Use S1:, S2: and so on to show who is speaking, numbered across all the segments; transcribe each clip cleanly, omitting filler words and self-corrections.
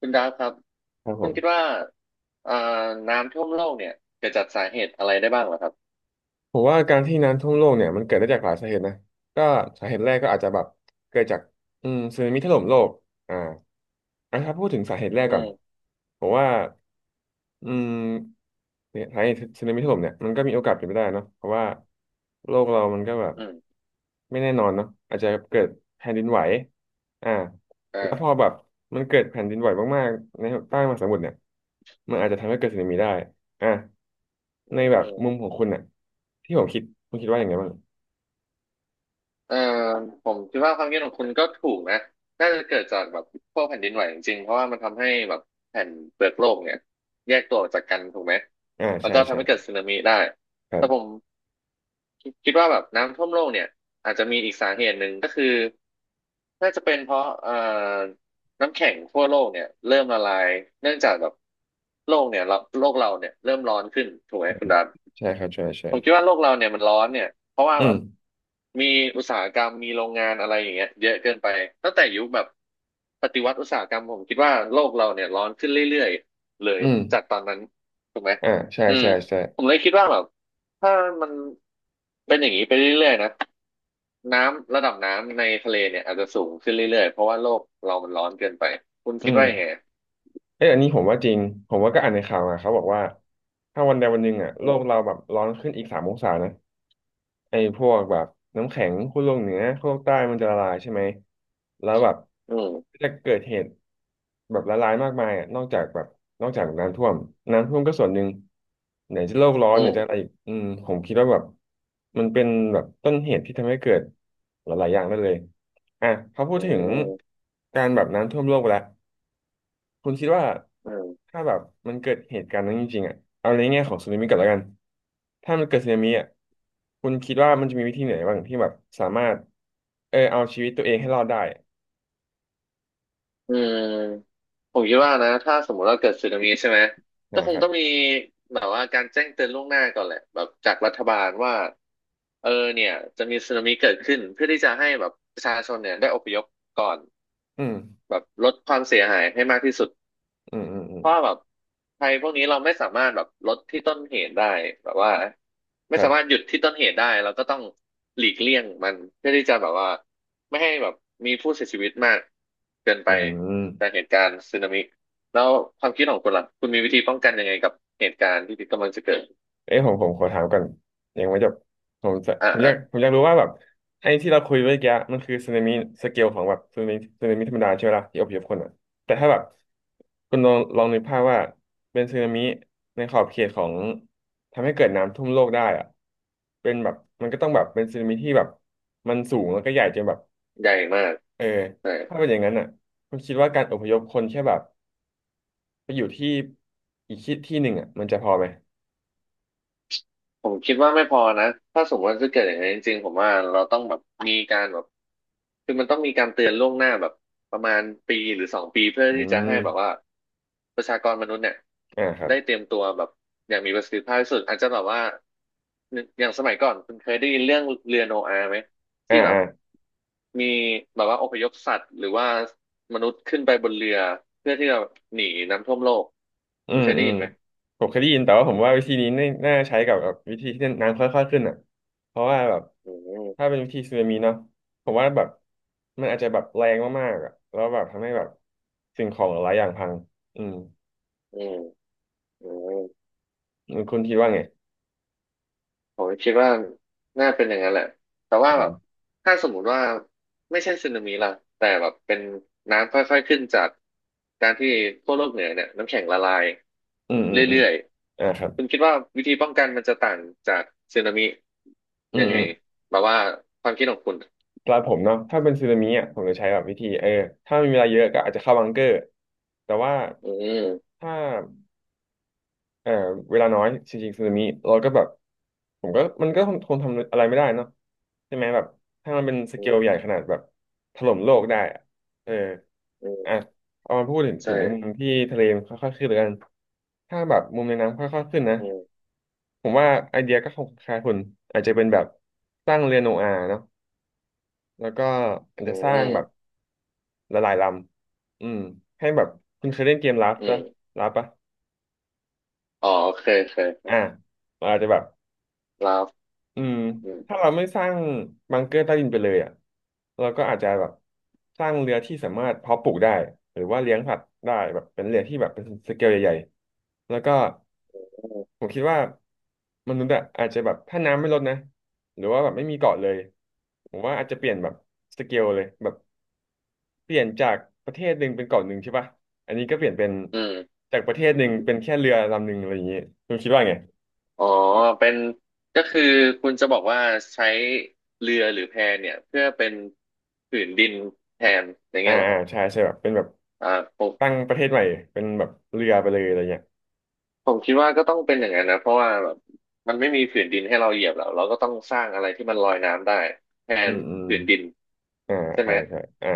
S1: คุณดาฟครับ
S2: ครับผ
S1: คุณคิด
S2: ม
S1: ว่าอ่าน้ำท่วมโลกเนี่ยเกิดจากสาเหตุอะไรได้บ้างเหรอครับ
S2: ผมว่าการที่น้ำท่วมโลกเนี่ยมันเกิดได้จากหลายสาเหตุนะก็สาเหตุแรกก็อาจจะแบบเกิดจากสึนามิถล่มโลกอ่าอ่ะถ้าพูดถึงสาเหตุแรก
S1: อื
S2: ก่อน
S1: ม
S2: ผมว่าอืมเนี่ยสาเหตุสึนามิถล่มเนี่ยมันก็มีโอกาสเป็นไปได้เนาะเพราะว่าโลกเรามันก็แบบ
S1: อืม
S2: ไม่แน่นอนเนาะอาจจะเกิดแผ่นดินไหวอ่าแล้วพ
S1: เอ
S2: อแบบมันเกิดแผ่นดินไหวมากๆใต้มหาสมุทรเนี่ยมันอาจจะทำให้เกิดสึนามิได้อ่ะ
S1: ออื
S2: ในแบบมุม
S1: ม
S2: ของคุณอ่ะที่ผมคิดคุณคิดว่าอย่างไงบ้าง
S1: เออผมคิดว่าความคิดของคุณก็ถูกนะน่าจะเกิดจากแบบพวกแผ่นดินไหวจริงๆเพราะว่ามันทำให้แบบแผ่นเปลือกโลกเนี่ยแยกตัวออกจากกันถูกไหม
S2: อ่า
S1: แล้ว
S2: ใช่
S1: ก็ทำ
S2: ใช่
S1: ให้เกิดสึนามิได้
S2: ครั
S1: แต่ผ
S2: บ
S1: มคิดว่าแบบน้ำท่วมโลกเนี่ยอาจจะมีอีกสาเหตุหนึ่งก็คือน่าจะเป็นเพราะน้ำแข็งทั่วโลกเนี่ยเริ่มละลายเนื่องจากแบบโลกเนี่ยเราโลกเราเนี่ยเริ่มร้อนขึ้นถูกไหมคุณดา
S2: ใช่ครับใช่ใช่
S1: ผมคิดว่าโลกเราเนี่ยมันร้อนเนี่ยเพราะว่า
S2: อื
S1: แบ
S2: ม
S1: บมีอุตสาหกรรมมีโรงงานอะไรอย่างเงี้ยเยอะเกินไปตั้งแต่ยุคแบบปฏิวัติอุตสาหกรรมผมคิดว่าโลกเราเนี่ยร้อนขึ้นเรื่อยๆเลย
S2: อื
S1: จาก
S2: ม
S1: ตอนนั้นถูกไหม
S2: อ่าใช่
S1: อืม
S2: ใช่ใช่
S1: ผมเลยคิดว่าแบบถ้ามันเป็นอย่างนี้ไปเรื่อยๆนะน้ำระดับน้ำในทะเลเนี่ยอาจจะสูงขึ้นเรื่อยๆเพราะว่าโลกเรามันร้อนเกินไปคุณ
S2: อื
S1: คิด
S2: ม
S1: ว่ายังไง
S2: เอ้ยอันนี้ผมว่าจริงผมว่าก็อ่านในข่าวมาเขาบอกว่าถ้าวันใดวันหนึ่งอ่ะโล
S1: อื
S2: ก
S1: ม
S2: เราแบบร้อนขึ้นอีกสามองศานะ ไอ้พวกแบบน้ำแข็งขั้วโลกเหนือขั้วโลกใต้มันจะละลายใช่ไหม แล้วแบบ
S1: อื
S2: ก็
S1: ม
S2: จะเกิดเหตุแบบละลายมากมายอ่ะนอกจากแบบนอกจากน้ำท่วมก็ส่วนหนึ่งไหนจะโลกร้อ
S1: อื
S2: นไหนจะอะไร
S1: ม
S2: อีกผมคิดว่าแบบมันเป็นแบบต้นเหตุที่ทำให้เกิดหลายๆอย่างได้เลยอ่ะพอพูด
S1: อื
S2: ถึง
S1: ม
S2: การแบบน้ำท่วมโลกไปแล้ว คุณคิดว่า
S1: อืม
S2: ถ้าแบบมันเกิดเหตุการณ์นั้นจริงๆอ่ะเอาในแง่ของสึนามิก่อนแล้วกันถ้ามันเกิดสึนามิอ่ะคุณคิดว่ามันจะมีวิธีไหนบ้างที่แบบสามารถเอาชีวิตตัวเองให้รอดได้
S1: อืมผมคิดว่านะถ้าสมมติว่าเกิดสึนามิใช่ไหมก็ค
S2: นะค
S1: ง
S2: รับ
S1: ต้องมีแบบว่าการแจ้งเตือนล่วงหน้าก่อนแหละแบบจากรัฐบาลว่าเออเนี่ยจะมีสึนามิเกิดขึ้นเพื่อที่จะให้แบบประชาชนเนี่ยได้อพยพก่อน
S2: อืม
S1: แบบลดความเสียหายให้มากที่สุด
S2: อืมอืมอืม
S1: เพราะว่าแบบภัยพวกนี้เราไม่สามารถแบบลดที่ต้นเหตุได้แบบว่า
S2: ค
S1: ไม่
S2: รั
S1: สามารถห
S2: บ
S1: ยุดที่ต้นเหตุได้เราก็ต้องหลีกเลี่ยงมันเพื่อที่จะแบบว่าไม่ให้แบบมีผู้เสียชีวิตมากเกินไป
S2: อื
S1: จาก
S2: ม
S1: เหตุการณ์สึนามิแล้วความคิดของคุณล่ะคุณมีวิธีป้องกันยังไงกับเหตุการณ์ที่กำลังจะเกิด
S2: เอ้ยผมผมขอถามก่อนยังไม่จบผมจะ
S1: อ่า
S2: ผมอ
S1: อ่า
S2: ยากผมอยากรู้ว่าแบบไอ้ที่เราคุยเมื่อกี้มันคือสึนามิสเกลของแบบสึนามิธรรมดาใช่ไหมล่ะที่อพยพคนอ่ะแต่ถ้าแบบคุณลองนึกภาพว่าเป็นสึนามิในขอบเขตของทำให้เกิดน้ำท่วมโลกได้อ่ะเป็นแบบมันก็ต้องแบบเป็นสึนามิที่แบบมันสูงแล้วก็ใหญ่จนแบบ
S1: ใหญ่มาก
S2: เออ
S1: ใช่
S2: ถ้าเป็นอย่างนั้นอ่ะคุณคิดว่าการอพยพคนแค่แบบไปอยู่ที่อีกที่หนึ่งอ่ะมันจะพอไหม
S1: ผมคิดว่าไม่พอนะถ้าสมมติว่าจะเกิดอย่างนั้นจริงๆผมว่าเราต้องแบบมีการแบบคือมันต้องมีการเตือนล่วงหน้าแบบประมาณปีหรือสองปีเพื่อ
S2: อื
S1: ที่จะ
S2: ม
S1: ให้แบบว่าประชากรมนุษย์เนี่ย
S2: อ่าครับ
S1: ได้เตรียมตัวแบบอย่างมีประสิทธิภาพที่สุดอาจจะแบบว่าอย่างสมัยก่อนคุณเคยได้ยินเรื่องเรือโนอาห์ไหม
S2: อ่า
S1: ที่แบบ
S2: อ่า
S1: มีแบบว่าอพยพสัตว์หรือว่ามนุษย์ขึ้นไปบนเรือเพื่อที่จะหนีน้ำท่วมโลก
S2: อื
S1: คุณ
S2: ม
S1: เคยได้
S2: อืม
S1: ยินไหม
S2: ผมเคยได้ยินแต่ว่าผ
S1: อื
S2: ม
S1: ม
S2: ว่าวิธีนี้น่าใช้กับแบบวิธีที่น้ำค่อยๆขึ้นอ่ะเพราะว่าแบบ
S1: อืม
S2: ถ้าเป็นวิธีสึนามิเนาะผมว่าแบบมันอาจจะแบบแรงมากๆอ่ะแล้วแบบทำให้แบบสิ่งของหลายอย่างพังอืม
S1: อืมอืม
S2: คุณคิดว่าไง
S1: ผมคิดว่าน่าเป็นอย่างนั้นแหละ แต่ว่า
S2: อื
S1: แบ
S2: ม
S1: บ ถ้าสมมุติว่า ไม่ใช่สึนามิล่ะแต่แบบเป็นน้ำค่อยๆขึ้นจากการที่ขั้วโลกเหนือเนี่ยน้ำแข็งละลาย
S2: อืมอืมอืม
S1: เรื่อย
S2: อ่าครับ
S1: ๆคุณคิดว่าวิธีป้องกันมันจะต่างจากสึนามิ
S2: อื
S1: ยั
S2: ม
S1: งไง
S2: อืม
S1: แบบว่าความคิดของคุณ
S2: สำหรับผมเนาะถ้าเป็นสึนามิอ่ะผมจะใช้แบบวิธีถ้ามีเวลาเยอะก็อาจจะเข้าบังเกอร์แต่ว่า
S1: อืม
S2: ถ้า เอ่อเวลาน้อยจริงๆสึนามิเราก็แบบผมก็มันก็คงทำอะไรไม่ได้เนาะใช่ไหมแบบถ้ามันเป็นส
S1: อื
S2: เกลใหญ่
S1: ม
S2: ขนาดแบบถล่มโลกได้อะเออ
S1: อื
S2: อ่ะ
S1: ม
S2: เอามาพูดถึง
S1: ใช่
S2: ในมุมที่ทะเลมันค่อยๆขึ้นแล้วกันถ้าแบบมุมในน้ำค่อยๆขึ้นนะ
S1: อืม
S2: ผมว่าไอเดียก็คงคล้ายคุณอาจจะเป็นแบบสร้างเรือโนอาห์เนาะแล้วก็อาจ
S1: อื
S2: จะสร้างแบบ
S1: ม
S2: ละลายลำให้แบบคุณเคยเล่นเกมลาฟ
S1: อื
S2: ปะ
S1: ม
S2: ลาฟปะ
S1: อ๋อโอเคโอเค
S2: อ่ะเราอาจจะแบบ
S1: ลาฟ
S2: อืม
S1: อืม
S2: ถ้าเราไม่สร้างบังเกอร์ใต้ดินไปเลยอ่ะเราก็อาจจะแบบสร้างเรือที่สามารถเพาะปลูกได้หรือว่าเลี้ยงสัตว์ได้แบบเป็นเรือที่แบบเป็นสเกลใหญ่ๆแล้วก็ผมคิดว่ามนุษย์อ่ะอาจจะแบบถ้าน้ำไม่ลดนะหรือว่าแบบไม่มีเกาะเลยผมว่าอาจจะเปลี่ยนแบบสเกลเลยแบบเปลี่ยนจากประเทศหนึ่งเป็นเกาะหนึ่งใช่ป่ะอันนี้ก็เปลี่ยนเป็น
S1: อืม
S2: จากประเทศหนึ่งเป็นแค่เรือลำหนึ่งอะไรอย่างเงี้ยคุณคิดว่าไง
S1: อ๋อเป็นก็คือคุณจะบอกว่าใช้เรือหรือแพเนี่ยเพื่อเป็นผืนดินแทนอย่าง
S2: อ่า
S1: เงี้ยเหรอ
S2: อ่า
S1: ครับ
S2: ใช่ใช่แบบเป็นแบบ
S1: อ่าผม
S2: ตั้งประเทศใหม่เป็นแบบเรือไปเลยอะไรเงี้ย
S1: ผมคิดว่าก็ต้องเป็นอย่างนั้นนะเพราะว่าแบบมันไม่มีผืนดินให้เราเหยียบแล้วเราก็ต้องสร้างอะไรที่มันลอยน้ำได้แท
S2: อื
S1: น
S2: มอืม
S1: ผืนดิน
S2: อ่า
S1: ใช่ไห
S2: ใช่
S1: ม
S2: ใช่อ่า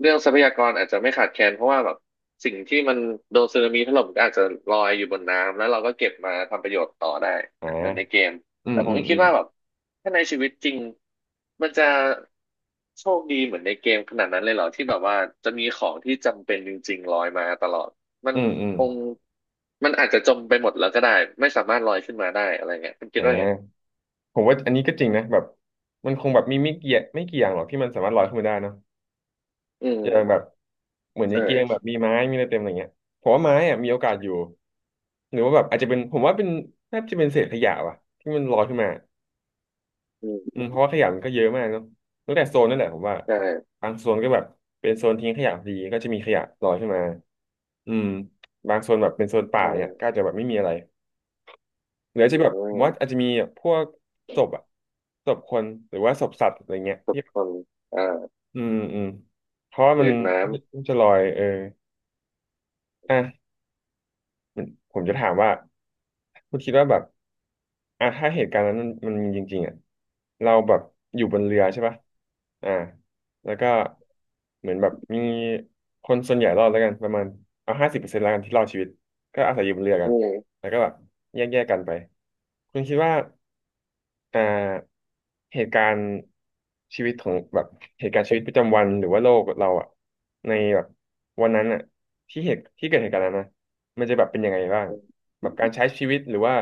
S1: เรื่องทรัพยากรอาจจะไม่ขาดแคลนเพราะว่าแบบสิ่งที่มันโดนสึนามิถล่มก็อาจจะลอยอยู่บนน้ำแล้วเราก็เก็บมาทำประโยชน์ต่อได้
S2: อ่า
S1: เหมือนในเกม
S2: อื
S1: แต่
S2: ม
S1: ผม
S2: อืม
S1: ก็
S2: อื
S1: คิด
S2: ม
S1: ว่าแบบถ้าในชีวิตจริงมันจะโชคดีเหมือนในเกมขนาดนั้นเลยเหรอที่แบบว่าจะมีของที่จำเป็นจริงๆลอยมาตลอดมัน
S2: อืมอืม
S1: คงมันอาจจะจมไปหมดแล้วก็ได้ไม่สามารถลอยขึ้นมาได้อะไรเงี้ยคุณคิ
S2: อ่
S1: ดว่าไง
S2: าผมว่าอันนี้ก็จริงนะแบบมันคงแบบมีไม่กี่อย่างหรอกที่มันสามารถลอยขึ้นมาได้เนอะ
S1: อื
S2: อย่างแบ
S1: ม
S2: บเหมือนใน
S1: ใช่
S2: เกมแบบมีไม้มีอะไรเต็มอะไรเงี้ยผมว่าไม้อะมีโอกาสอยู่หรือว่าแบบอาจจะเป็นผมว่าเป็นน่าจะเป็นเศษขยะว่ะที่มันลอยขึ้นมา
S1: อื
S2: อืม
S1: ม
S2: เพราะว่าขยะมันก็เยอะมากเนาะตั้งแต่โซนนั่นแหละผมว่า
S1: ใช่
S2: บางโซนก็แบบเป็นโซนทิ้งขยะพอดีก็จะมีขยะลอยขึ้นมาอืมบางโซนแบบเป็นโซนป่า
S1: อื
S2: เนี่ยก็อาจจะ
S1: ม
S2: แบบไม่มีอะไรหรืออาจ
S1: อื
S2: จะแบบผม
S1: ม
S2: ว่าอาจจะมีพวกศพอะศพคนหรือว่าศพสัตว์อะไรเงี้ยที่
S1: คนอ่า
S2: อืมอืมเพราะว่ามั
S1: อื
S2: น
S1: ดน้ำ
S2: มันจะลอยเอออ่ะผมจะถามว่า คุณคิดว่าแบบอ่ะถ้าเหตุการณ์นั้นมันมีจริงๆอ่ะเราแบบอยู่บนเรือใช่ปะอ่าแล้วก็เหมือนแบบมีคนส่วนใหญ่รอดแล้วกันประมาณเอา50%แล้วกันที่รอดชีวิตก็อาศัยอยู่บนเรือกั
S1: อื
S2: น
S1: ม
S2: แล้วก็แบบแยกๆกันไปคุณคิดว่า อ่าเหตุการณ์ชีวิตของแบบเหตุการณ์ชีวิตประจำวันหรือว่าโลกเราอะในแบบวันนั้นอะที่เหตุที่เกิดเหตุการณ์นั้นนะมันจะแบบเป็นยังไงบ้างแบบการใช้ชีวิตหรือว่า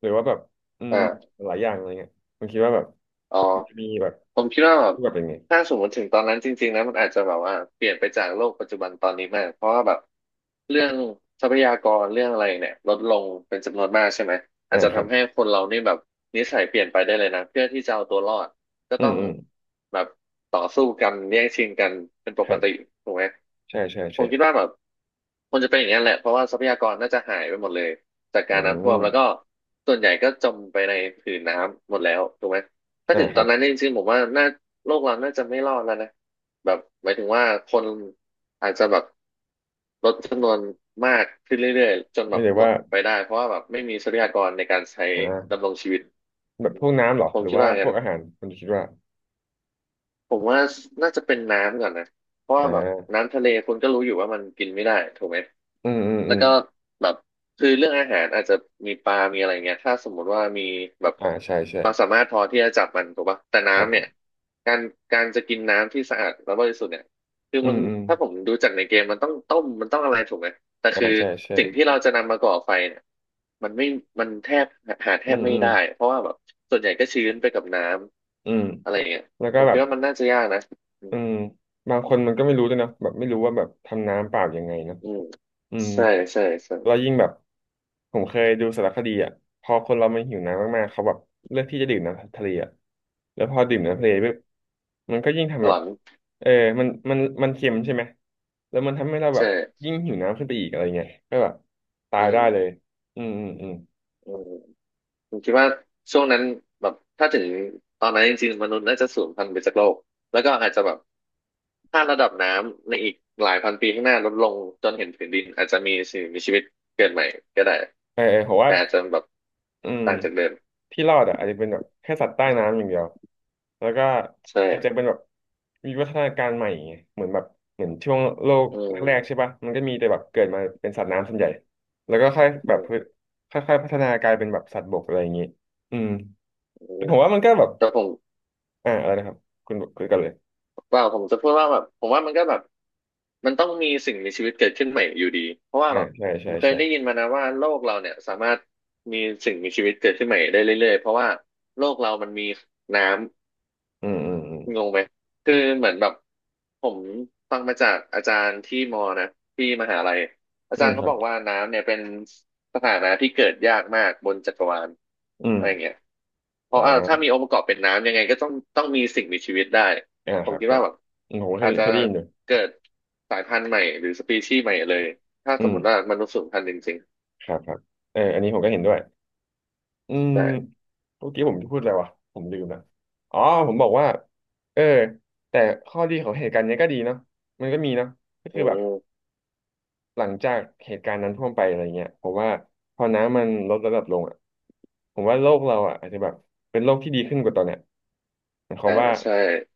S2: หรือว่าแบบอืม
S1: อ่า
S2: หลายอย่างอะไรเงี้ยผมคิดว่าแบบ
S1: อ๋อ
S2: มันจะมีแบบ
S1: ผมคิดว่าแบบ
S2: รูปแบบยังไง
S1: ถ้าสมมติถึงตอนนั้นจริงๆนะมันอาจจะแบบว่าเปลี่ยนไปจากโลกปัจจุบันตอนนี้มากเพราะว่าแบบเรื่องทรัพยากรเรื่องอะไรเนี่ยลดลงเป็นจำนวนมากใช่ไหมอา
S2: อ่า
S1: จจะ
S2: ครับ
S1: ทำให้คนเรานี่แบบนิสัยเปลี่ยนไปได้เลยนะเพื่อที่จะเอาตัวรอดก็
S2: อื
S1: ต้อ
S2: ม
S1: ง
S2: อืม
S1: แบบต่อสู้กันแย่งชิงกันเป็นป
S2: ค
S1: ก
S2: รั
S1: ติ
S2: บ
S1: ถูกไหม
S2: ใช่ใช่
S1: ผ
S2: ใช่
S1: มคิดว่าแบบมันจะเป็นอย่างนั้นแหละเพราะว่าทรัพยากรน่าจะหายไปหมดเลยจาก
S2: อื
S1: การน้ำท่วมแล้วก็
S2: ม
S1: ส่วนใหญ่ก็จมไปในผืนน้ำหมดแล้วถูกไหม ถ้า
S2: อ่า
S1: ถึง
S2: ค
S1: ต
S2: รั
S1: อนนั้น
S2: บ
S1: เนี่ยจริงๆผมว่าน่าโลกเราน่าจะไม่รอดแล้วนะแบบหมายถึงว่าคนอาจจะแบบลดจำนวนมากขึ้นเรื่อยๆจนแบ
S2: ไม่
S1: บ
S2: เลย
S1: หม
S2: ว่า
S1: ดไปได้เพราะว่าแบบไม่มีทรัพยากรในการใช้
S2: อ่า
S1: ดำรงชีวิต
S2: แบบ
S1: อื
S2: พ
S1: ม
S2: วกน้ำเหรอ
S1: ผ
S2: ห
S1: ม
S2: รือ
S1: คิด
S2: ว่า
S1: ว่าอย่าง
S2: พ
S1: นั้
S2: ว
S1: น
S2: กอาหารคุณคิดว่า
S1: ผมว่าน่าจะเป็นน้ำก่อนนะเพราะ
S2: อ่
S1: ว่าแบบ
S2: า
S1: น้ำทะเลคุณก็รู้อยู่ว่ามันกินไม่ได้ถูกไหม
S2: อืมอืม
S1: แล้
S2: อื
S1: ว
S2: ม
S1: ก็แบบคือเรื่องอาหารอาจจะมีปลามีอะไรเงี้ยถ้าสมมุติว่ามีแบบ
S2: อ่าใช่ใช่
S1: ความสามารถพอที่จะจับมันถูกปะแต่
S2: ครั
S1: น้ำเนี่ย
S2: บ
S1: การการจะกินน้ำที่สะอาดและบริสุทธิ์เนี่ยคือ
S2: อื
S1: มั
S2: ม
S1: น
S2: อืม
S1: ถ้าผมดูจากในเกมมันต้องต้มมันต้องอะไรถูกไหม แต่
S2: อ่า
S1: คือ
S2: ใช่ใช่
S1: สิ่งที่เราจะนำมาก่อไฟเนี่ยมันไม่มันแทบหาแท
S2: อื
S1: บ
S2: ม
S1: ไม่
S2: อืม
S1: ได้เพราะว่าแบบส่วนใหญ่ก็ชื้นไปกับน้
S2: อืม
S1: ำอะไรเงี้ย
S2: แล้วก็
S1: ผม
S2: แบ
S1: คิ
S2: บ
S1: ดว่ามันน่าจะยากนะอื
S2: อื
S1: ม
S2: มบางคนมันก็ไม่รู้ด้วยนะแบบไม่รู้ว่าแบบทำน้ำเปล่ายังไงเนอะ
S1: อืม
S2: อืม
S1: ใช่ใช่ใช่
S2: แล้วยิ่งแบบผมเคยดูสารคดีอ่ะพอคนเรามันหิวน้ำมากๆเขาแบบเลือกที่จะดื่มน้ำทะเลอ่ะแล้วพอดื่มน้ำ
S1: อื
S2: ทะเลปุ๊
S1: ม
S2: บมันก็ยิ่งทำ
S1: ห
S2: แบ
S1: ล
S2: บ
S1: อน
S2: เออมันเค็มใช่ไหมแล้วมันทำให้เราแบบ
S1: ใช่
S2: ยิ่งหิวน้ำขึ้นไปอีกอะไรเงี้ยก็แบบตา
S1: อื
S2: ยได้
S1: ม
S2: เลยอืมอืมอืม
S1: อืมผมคิดว่าช่วงนั้นแบบถ้าถึงตอนนั้นจริงๆมนุษย์น่าจะสูญพันธุ์ไปจากโลก แล้วก็อาจจะแบบถ้าระดับน้ำในอีกหลายพันปีข้างหน้าลดลงจนเห็นผืนดินอาจจะมีสิ่งมีชีวิตเกิดใหม่ก็ได้
S2: เออเออผมว่า
S1: แต่อาจจะแบบ
S2: อืม
S1: ต่างจากเดิม
S2: ที่รอดอ่ะอาจจะเป็นแบบแค่สัตว์ใต้น้ำอย่างเดียวแล้วก็
S1: ใช่
S2: อาจจะเป็นแบบมีวัฒนาการใหม่ไงเหมือนแบบเหมือนช่วงโลก
S1: อื
S2: แรกๆใช่
S1: ม
S2: ปะมันก็มีแต่แบบเกิดมาเป็นสัตว์น้ำส่วนใหญ่แล้วก็ค่อย
S1: อื
S2: แบบพืช
S1: ม
S2: ค่อยๆพัฒนากลายเป็นแบบสัตว์บกอะไรอย่างนี้อืม
S1: อื
S2: แต่
S1: ม
S2: ผมว่ามันก็แบบ
S1: แต่ผม
S2: อ่าอะไรนะครับคุณคุยกันเลย
S1: เปล่าผมจะพูดว่าแบบผมว่ามันก็แบบมันต้องมีสิ่งมีชีวิตเกิดขึ้นใหม่อยู่ดีเพราะว่า
S2: อ่า
S1: แบบ
S2: ใช่
S1: ผ
S2: ใช่
S1: มเคย
S2: ใช่
S1: ได้ยินมานะว่าโลกเราเนี่ยสามารถมีสิ่งมีชีวิตเกิดขึ้นใหม่ได้เรื่อยๆเพราะว่าโลกเรามันมีน้ำ
S2: อืมอืมอืม
S1: งงไหม คือเหมือนแบบผมฟังมาจากอาจารย์ที่มอนะที่มหาลัยอา
S2: อื
S1: จาร
S2: ม
S1: ย์
S2: ค
S1: เขา
S2: รั
S1: บ
S2: บ
S1: อกว่าน้ำเนี่ยเป็นสถานะที่เกิดยากมากบนจักรวาล
S2: อื
S1: อะไรอย่าง
S2: ม
S1: เงี้ยเพ
S2: อ๋อ
S1: ราะถ้ามีองค์ประกอบเป็นน้ำยังไงก็ต้องมีสิ่งมีชีวิตได้
S2: อ่า
S1: ผ
S2: ค
S1: ม
S2: รับ
S1: คิด
S2: ครั
S1: ว่า
S2: บ
S1: แบบ
S2: อืมผมก็เค
S1: อา
S2: ย
S1: จจะ
S2: เคยได้ยินอยู่
S1: เกิดสายพันธุ์ใหม่หรือสปีชีส์ใหม่เลยถ้า
S2: อื
S1: สม
S2: ม
S1: มติว่ามนุษย์สูญพันธุ์จริง
S2: ครับครับเอออันนี้ผมก็เห็นด้วย อืม
S1: ๆใช่
S2: เมื่อกี้ผมจะพูดอะไรวะผมลืมละอ๋อผมบอกว่าเออแต่ข้อดีของเหตุการณ์เนี้ยก็ดีเนาะมันก็มีเนาะก็
S1: อื
S2: คือแบบ
S1: ม
S2: หลังจากเหตุการณ์นั้นท่วมไปอะไรเงี้ยผมว่าพอน้ำมันลดระดับลงอ่ะผมว่าโลกเราอ่ะอาจจะแบบเป็นโลกที่ดีขึ้นกว่าตอนเนี้ยหมายควา
S1: อ่า
S2: มว่า
S1: ใช่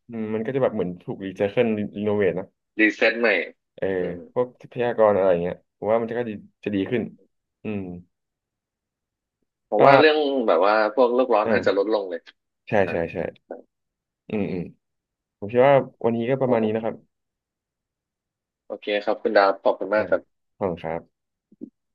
S2: อืมมันก็จะแบบเหมือนถูกรีไซเคิลรีโนเวทนะ
S1: รีเซ็ตใหม่
S2: เออ
S1: อืม
S2: พวกทรัพยากรอะไรเงี้ยผมว่ามันจะก็ดีจะดีขึ้นอืม
S1: ผม
S2: ก็
S1: ว่าเรื่องแบบว่าพวกโลกร้อนอาจจะล
S2: อ่า
S1: ดลงเลย
S2: ใช่
S1: อ่า
S2: ใช่ใช่อืมอืม ผมคิดว่าวันนี้ก็ป
S1: ค
S2: ระ
S1: รั
S2: มา
S1: บ
S2: ณ
S1: ผ
S2: นี้นะค
S1: ม
S2: รับ
S1: โอเคครับคุณดาวขอบคุณ
S2: อ่า
S1: มากครับ
S2: ขอบคุณครับ